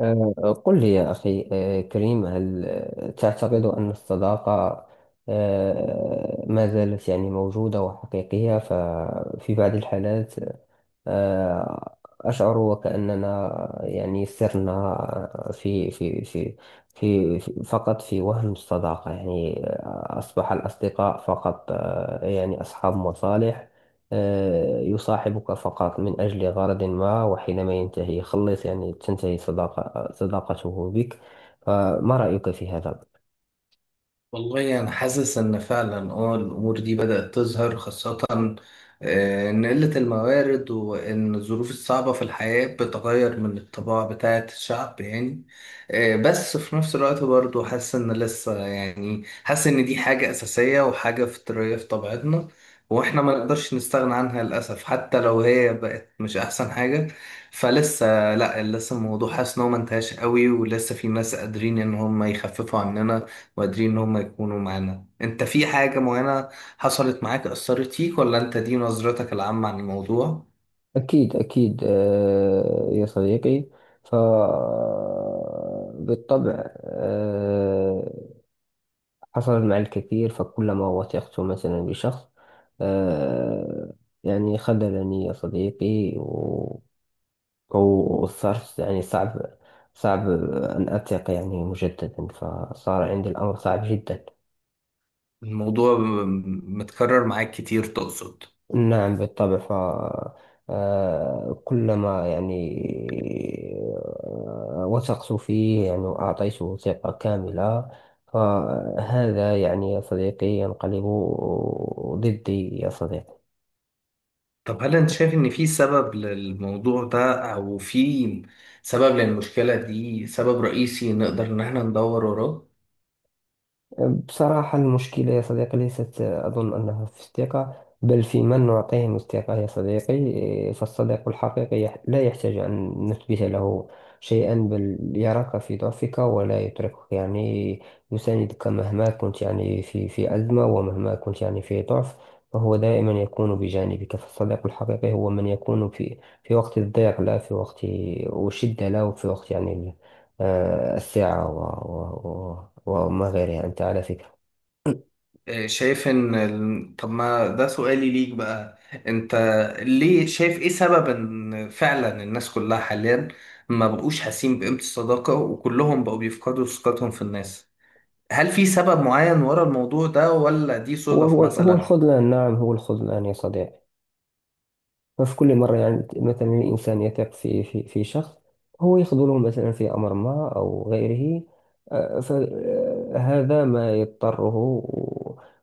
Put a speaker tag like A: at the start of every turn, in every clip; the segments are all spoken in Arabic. A: قل لي يا أخي، كريم، هل تعتقد أن الصداقة ما زالت يعني موجودة وحقيقية؟ ففي بعض الحالات أشعر وكأننا يعني سرنا فقط في وهم الصداقة. يعني أصبح الأصدقاء فقط، يعني أصحاب مصالح، يصاحبك فقط من أجل غرض ما، وحينما ينتهي خلص يعني تنتهي صداقته بك. فما رأيك في هذا؟
B: والله أنا حاسس إن فعلا الأمور دي بدأت تظهر خاصة، آه، إن قلة الموارد وإن الظروف الصعبة في الحياة بتغير من الطباع بتاعة الشعب. بس في نفس الوقت برضه حاسس إن لسه، حاسس إن دي حاجة أساسية وحاجة فطرية في طبيعتنا، وإحنا ما نقدرش نستغنى عنها للأسف حتى لو هي بقت مش أحسن حاجة. فلسه لأ لسه الموضوع حاسس إن هو منتهاش قوي، ولسه في ناس قادرين إن هم يخففوا عننا وقادرين ان هم يكونوا معانا. انت في حاجة معينة حصلت معاك اثرت فيك، ولا انت دي نظرتك العامة عن الموضوع؟
A: أكيد أكيد، يا صديقي. فبالطبع حصل مع الكثير. فكلما وثقت مثلا بشخص آه يعني خذلني يا صديقي، وصرت يعني صعب، صعب أن أثق يعني مجددا. فصار عندي الأمر صعب جدا.
B: الموضوع متكرر معاك كتير تقصد؟
A: نعم بالطبع. ف آه، كلما يعني وثقت فيه يعني وأعطيته ثقة كاملة، فهذا يعني يا صديقي ينقلب ضدي يا صديقي.
B: طب هل انت شايف ان في سبب للموضوع ده، او في سبب للمشكلة دي، سبب رئيسي نقدر ان احنا ندور وراه؟
A: بصراحة المشكلة يا صديقي ليست، أظن أنها في الثقة، بل في من نعطيهم الثقة يا صديقي. إيه، فالصديق الحقيقي لا يحتاج أن نثبت له شيئا، بل يراك في ضعفك ولا يتركك، يعني يساندك مهما كنت يعني في في أزمة، ومهما كنت يعني في ضعف. فهو دائما يكون بجانبك. فالصديق الحقيقي هو من يكون في في وقت الضيق، لا في وقت الشدة، لا، وفي وقت يعني الثعة وما غيرها. أنت على فكرة
B: طب ما ده سؤالي ليك بقى. انت ليه شايف ايه سبب ان فعلا الناس كلها حاليا ما بقوش حاسين بقيمة الصداقة، وكلهم بقوا بيفقدوا ثقتهم في الناس؟ هل في سبب معين ورا الموضوع ده، ولا دي صدف
A: هو
B: مثلا؟
A: الخذلان، نعم هو الخذلان يا صديقي. ففي كل مرة يعني مثلا الإنسان يثق في شخص، هو يخذله مثلا في أمر ما أو غيره. فهذا ما يضطره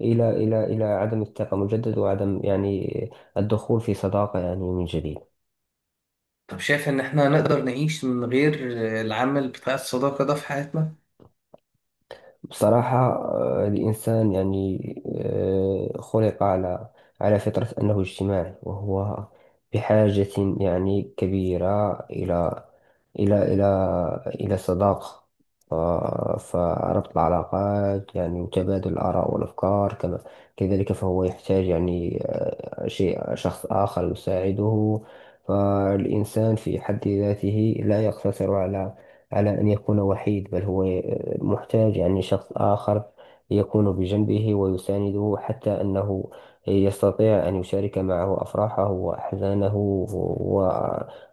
A: إلى عدم الثقة مجدد، وعدم يعني الدخول في صداقة يعني من جديد.
B: طب شايف ان احنا نقدر نعيش من غير العامل بتاع الصداقة ده في حياتنا؟
A: بصراحة الإنسان يعني خلق على على فطرة أنه اجتماعي، وهو بحاجة يعني كبيرة إلى إلى إلى صداقة. ف- فربط العلاقات يعني وتبادل الآراء والأفكار كما كذلك، فهو يحتاج يعني آه، شيء شخص آخر يساعده. فالإنسان في حد ذاته لا يقتصر على على أن يكون وحيد، بل هو محتاج يعني شخص آخر يكون بجنبه ويسانده، حتى أنه يستطيع أن يشارك معه أفراحه وأحزانه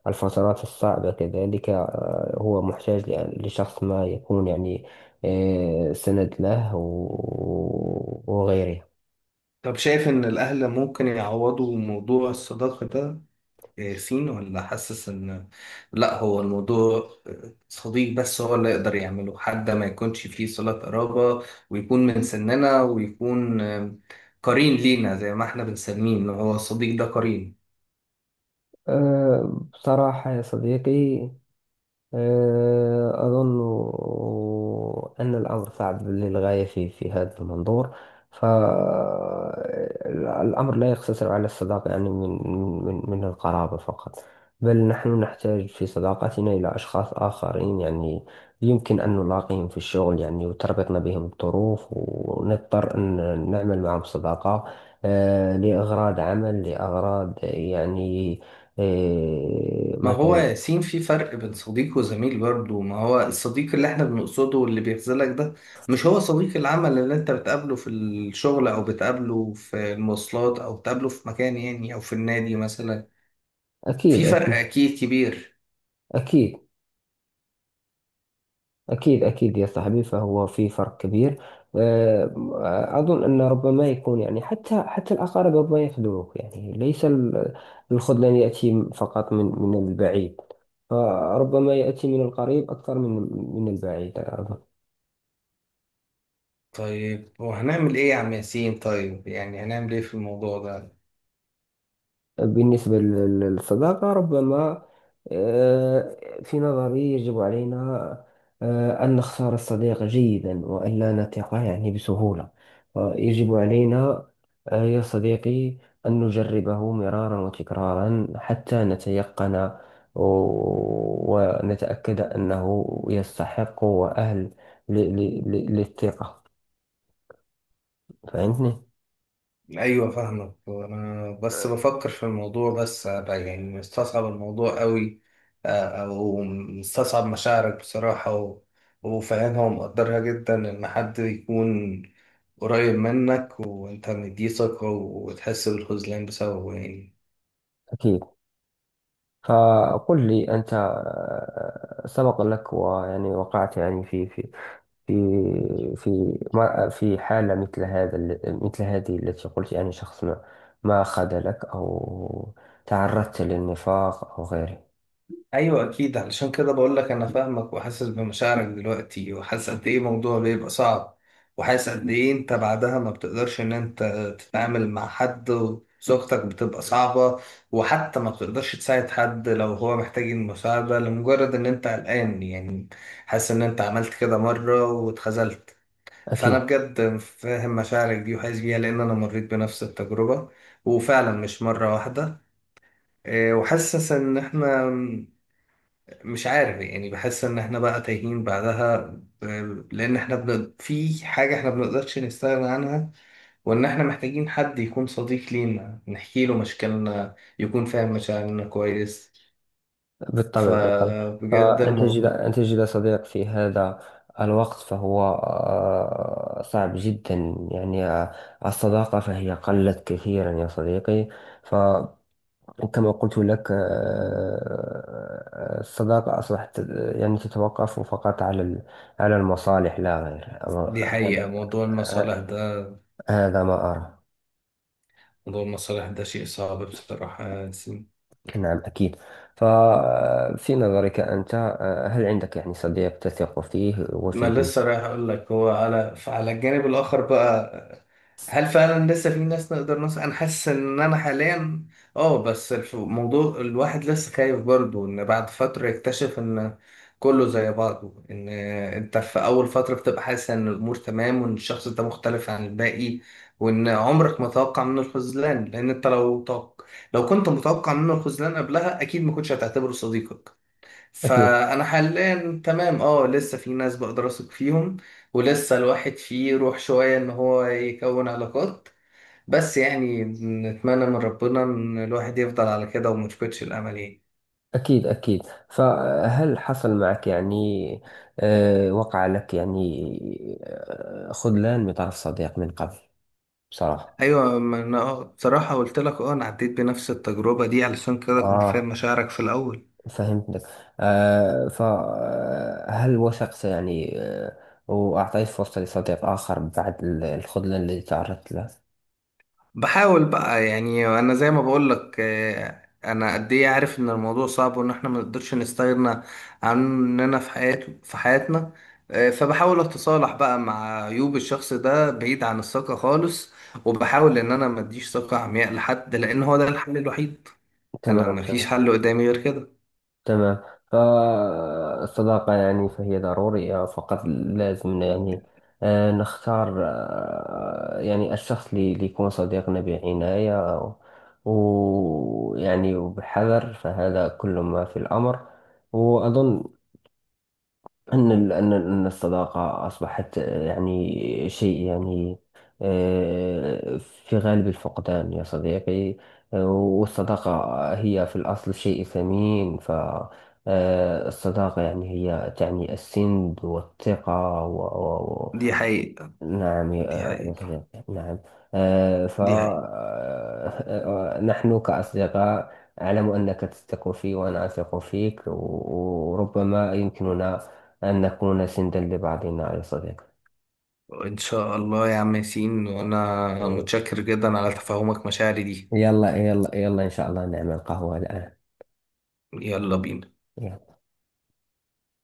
A: والفترات الصعبة كذلك. هو محتاج لشخص ما يكون يعني سند له، وغيره.
B: طب شايف ان الاهل ممكن يعوضوا موضوع الصداقة ده ياسين، ولا حاسس ان لا، هو الموضوع صديق بس هو اللي يقدر يعمله، حد ما يكونش فيه صلة قرابة ويكون من سننا، ويكون قرين لينا زي ما احنا بنسميه ان هو الصديق ده قرين؟
A: بصراحة يا صديقي، أظن أن الأمر صعب للغاية في في هذا المنظور. فالأمر لا يقتصر على الصداقة يعني من القرابة فقط، بل نحن نحتاج في صداقتنا إلى أشخاص آخرين، يعني يمكن أن نلاقيهم في الشغل يعني، وتربطنا بهم الظروف، ونضطر أن نعمل معهم صداقة لأغراض عمل، لأغراض يعني
B: ما هو
A: مثلا.
B: ياسين في فرق بين صديق وزميل برضه. ما هو الصديق اللي احنا بنقصده واللي بيخذلك ده مش هو صديق العمل اللي انت بتقابله في الشغل، او بتقابله في المواصلات، او بتقابله في مكان او في النادي مثلا. في
A: أكيد
B: فرق
A: أكيد.
B: اكيد كبير.
A: أكيد. أكيد أكيد يا صاحبي، فهو في فرق كبير. آه، أظن أن ربما يكون يعني حتى حتى الأقارب ربما يخدعوك، يعني ليس الخذلان يأتي فقط من البعيد، فربما يأتي من القريب أكثر من من البعيد.
B: طيب وهنعمل ايه يا عم ياسين؟ طيب هنعمل ايه في الموضوع ده؟
A: بالنسبة للصداقة ربما، آه، في نظري يجب علينا أن نختار الصديق جيدا، وأن لا نثق يعني بسهولة. يجب علينا يا صديقي أن نجربه مرارا وتكرارا حتى نتيقن ونتأكد أنه يستحق وأهل للثقة. فهمتني؟
B: ايوه فاهمك. انا بس بفكر في الموضوع، بس أبقى مستصعب الموضوع قوي، آه، او مستصعب مشاعرك بصراحة، وفاهمها ومقدرها جدا، ان حد يكون قريب منك وانت مديه ثقة وتحس بالخذلان بسببه يعني.
A: أكيد. فقل لي أنت، سبق لك ويعني وقعت يعني في في في في ما- في حالة مثل مثل هذه التي قلت، يعني شخص ما خذلك، أو تعرضت للنفاق أو غيره.
B: ايوه اكيد، علشان كده بقول لك انا فاهمك وحاسس بمشاعرك دلوقتي، وحاسس قد ايه الموضوع بيبقى صعب، وحاسس قد ايه انت بعدها ما بتقدرش ان انت تتعامل مع حد، وزوجتك بتبقى صعبة، وحتى ما بتقدرش تساعد حد لو هو محتاج المساعدة، لمجرد ان انت قلقان، يعني حاسس ان انت عملت كده مرة واتخذلت. فانا
A: أكيد.
B: بجد فاهم مشاعرك دي وحاسس بيها، لان انا مريت بنفس التجربة، وفعلا مش مرة واحدة. إيه، وحاسس ان احنا مش عارف، بحس ان احنا بقى تايهين بعدها، آه، لان احنا في حاجة احنا بنقدرش نستغنى عنها، وان احنا محتاجين حد يكون صديق لينا نحكي له مشاكلنا، يكون فاهم مشاعرنا كويس.
A: بالطبع بالطبع.
B: فبجد
A: فأن تجد،
B: الموضوع.
A: أن تجد صديق في هذا الوقت فهو صعب جدا، يعني الصداقة فهي قلت كثيرا يا صديقي. ف وكما قلت لك الصداقة أصبحت يعني تتوقف فقط على على المصالح لا غير.
B: دي حقيقة،
A: هذا
B: موضوع المصالح ده.
A: هذا ما أرى.
B: موضوع المصالح ده شيء صعب بصراحة.
A: نعم أكيد. ففي نظرك أنت، هل عندك يعني صديق تثق فيه
B: ما
A: وفيه؟
B: لسه رايح اقول لك، هو على فعلى الجانب الاخر بقى، هل فعلا لسه في ناس نقدر نوصل. انا حاسس ان انا حاليا اه بس الموضوع الواحد لسه خايف برضه ان بعد فترة يكتشف ان كله زي بعضه، ان انت في اول فترة بتبقى حاسس ان الامور تمام وان الشخص ده مختلف عن الباقي، وان عمرك ما توقع منه الخذلان، لان انت لو كنت متوقع منه الخذلان قبلها اكيد ما كنتش هتعتبره صديقك.
A: أكيد.
B: فانا حاليا تمام، اه لسه في ناس بقدر اثق فيهم، ولسه الواحد فيه روح شوية ان هو يكون علاقات، بس نتمنى من ربنا ان الواحد يفضل على كده وما يفقدش الامل يعني.
A: أكيد أكيد. فهل حصل معك يعني، وقع لك يعني خذلان من طرف صديق من قبل، بصراحة؟
B: ايوه، ما انا آه، بصراحة قلت لك اه انا عديت بنفس التجربة دي، علشان كده كنت فاهم
A: آه
B: مشاعرك في الاول.
A: فهمتك. فهل وثقت يعني وأعطيت فرصة لصديق آخر بعد الخذلان الذي تعرضت له؟
B: بحاول بقى، انا زي ما بقول لك، آه، انا قد ايه عارف ان الموضوع صعب وان احنا ما نقدرش نستغنى عننا في في حياتنا، آه، فبحاول اتصالح بقى مع عيوب الشخص ده بعيد عن الثقة خالص، وبحاول ان انا ما اديش ثقة عمياء لحد، لان هو ده الحل الوحيد. انا
A: تمام
B: ما فيش
A: تمام.
B: حل قدامي غير كده.
A: تمام. فالصداقة يعني فهي ضرورية، فقط لازم يعني نختار يعني الشخص اللي يكون صديقنا بعناية، ويعني وبحذر. فهذا كل ما في الأمر. وأظن أن الصداقة أصبحت، يعني شيء يعني في غالب الفقدان يا صديقي. والصداقة هي في الأصل شيء ثمين. فالصداقة يعني هي تعني السند والثقة.
B: دي حقيقة.
A: نعم
B: دي
A: يا يا
B: حقيقة.
A: صديقي، نعم. آه، ف آه،
B: دي حقيقة.
A: آه، آه، نحن كأصدقاء، أعلم أنك تثق في وأنا أثق فيك، وربما يمكننا أن نكون سندا لبعضنا يا صديقي.
B: ان شاء الله يا عم ياسين، وانا
A: آه،
B: متشكر جدا على تفهمك مشاعري دي.
A: يلا يلا يلا، إن شاء الله نعمل قهوة الآن.
B: يلا بينا.
A: يلا.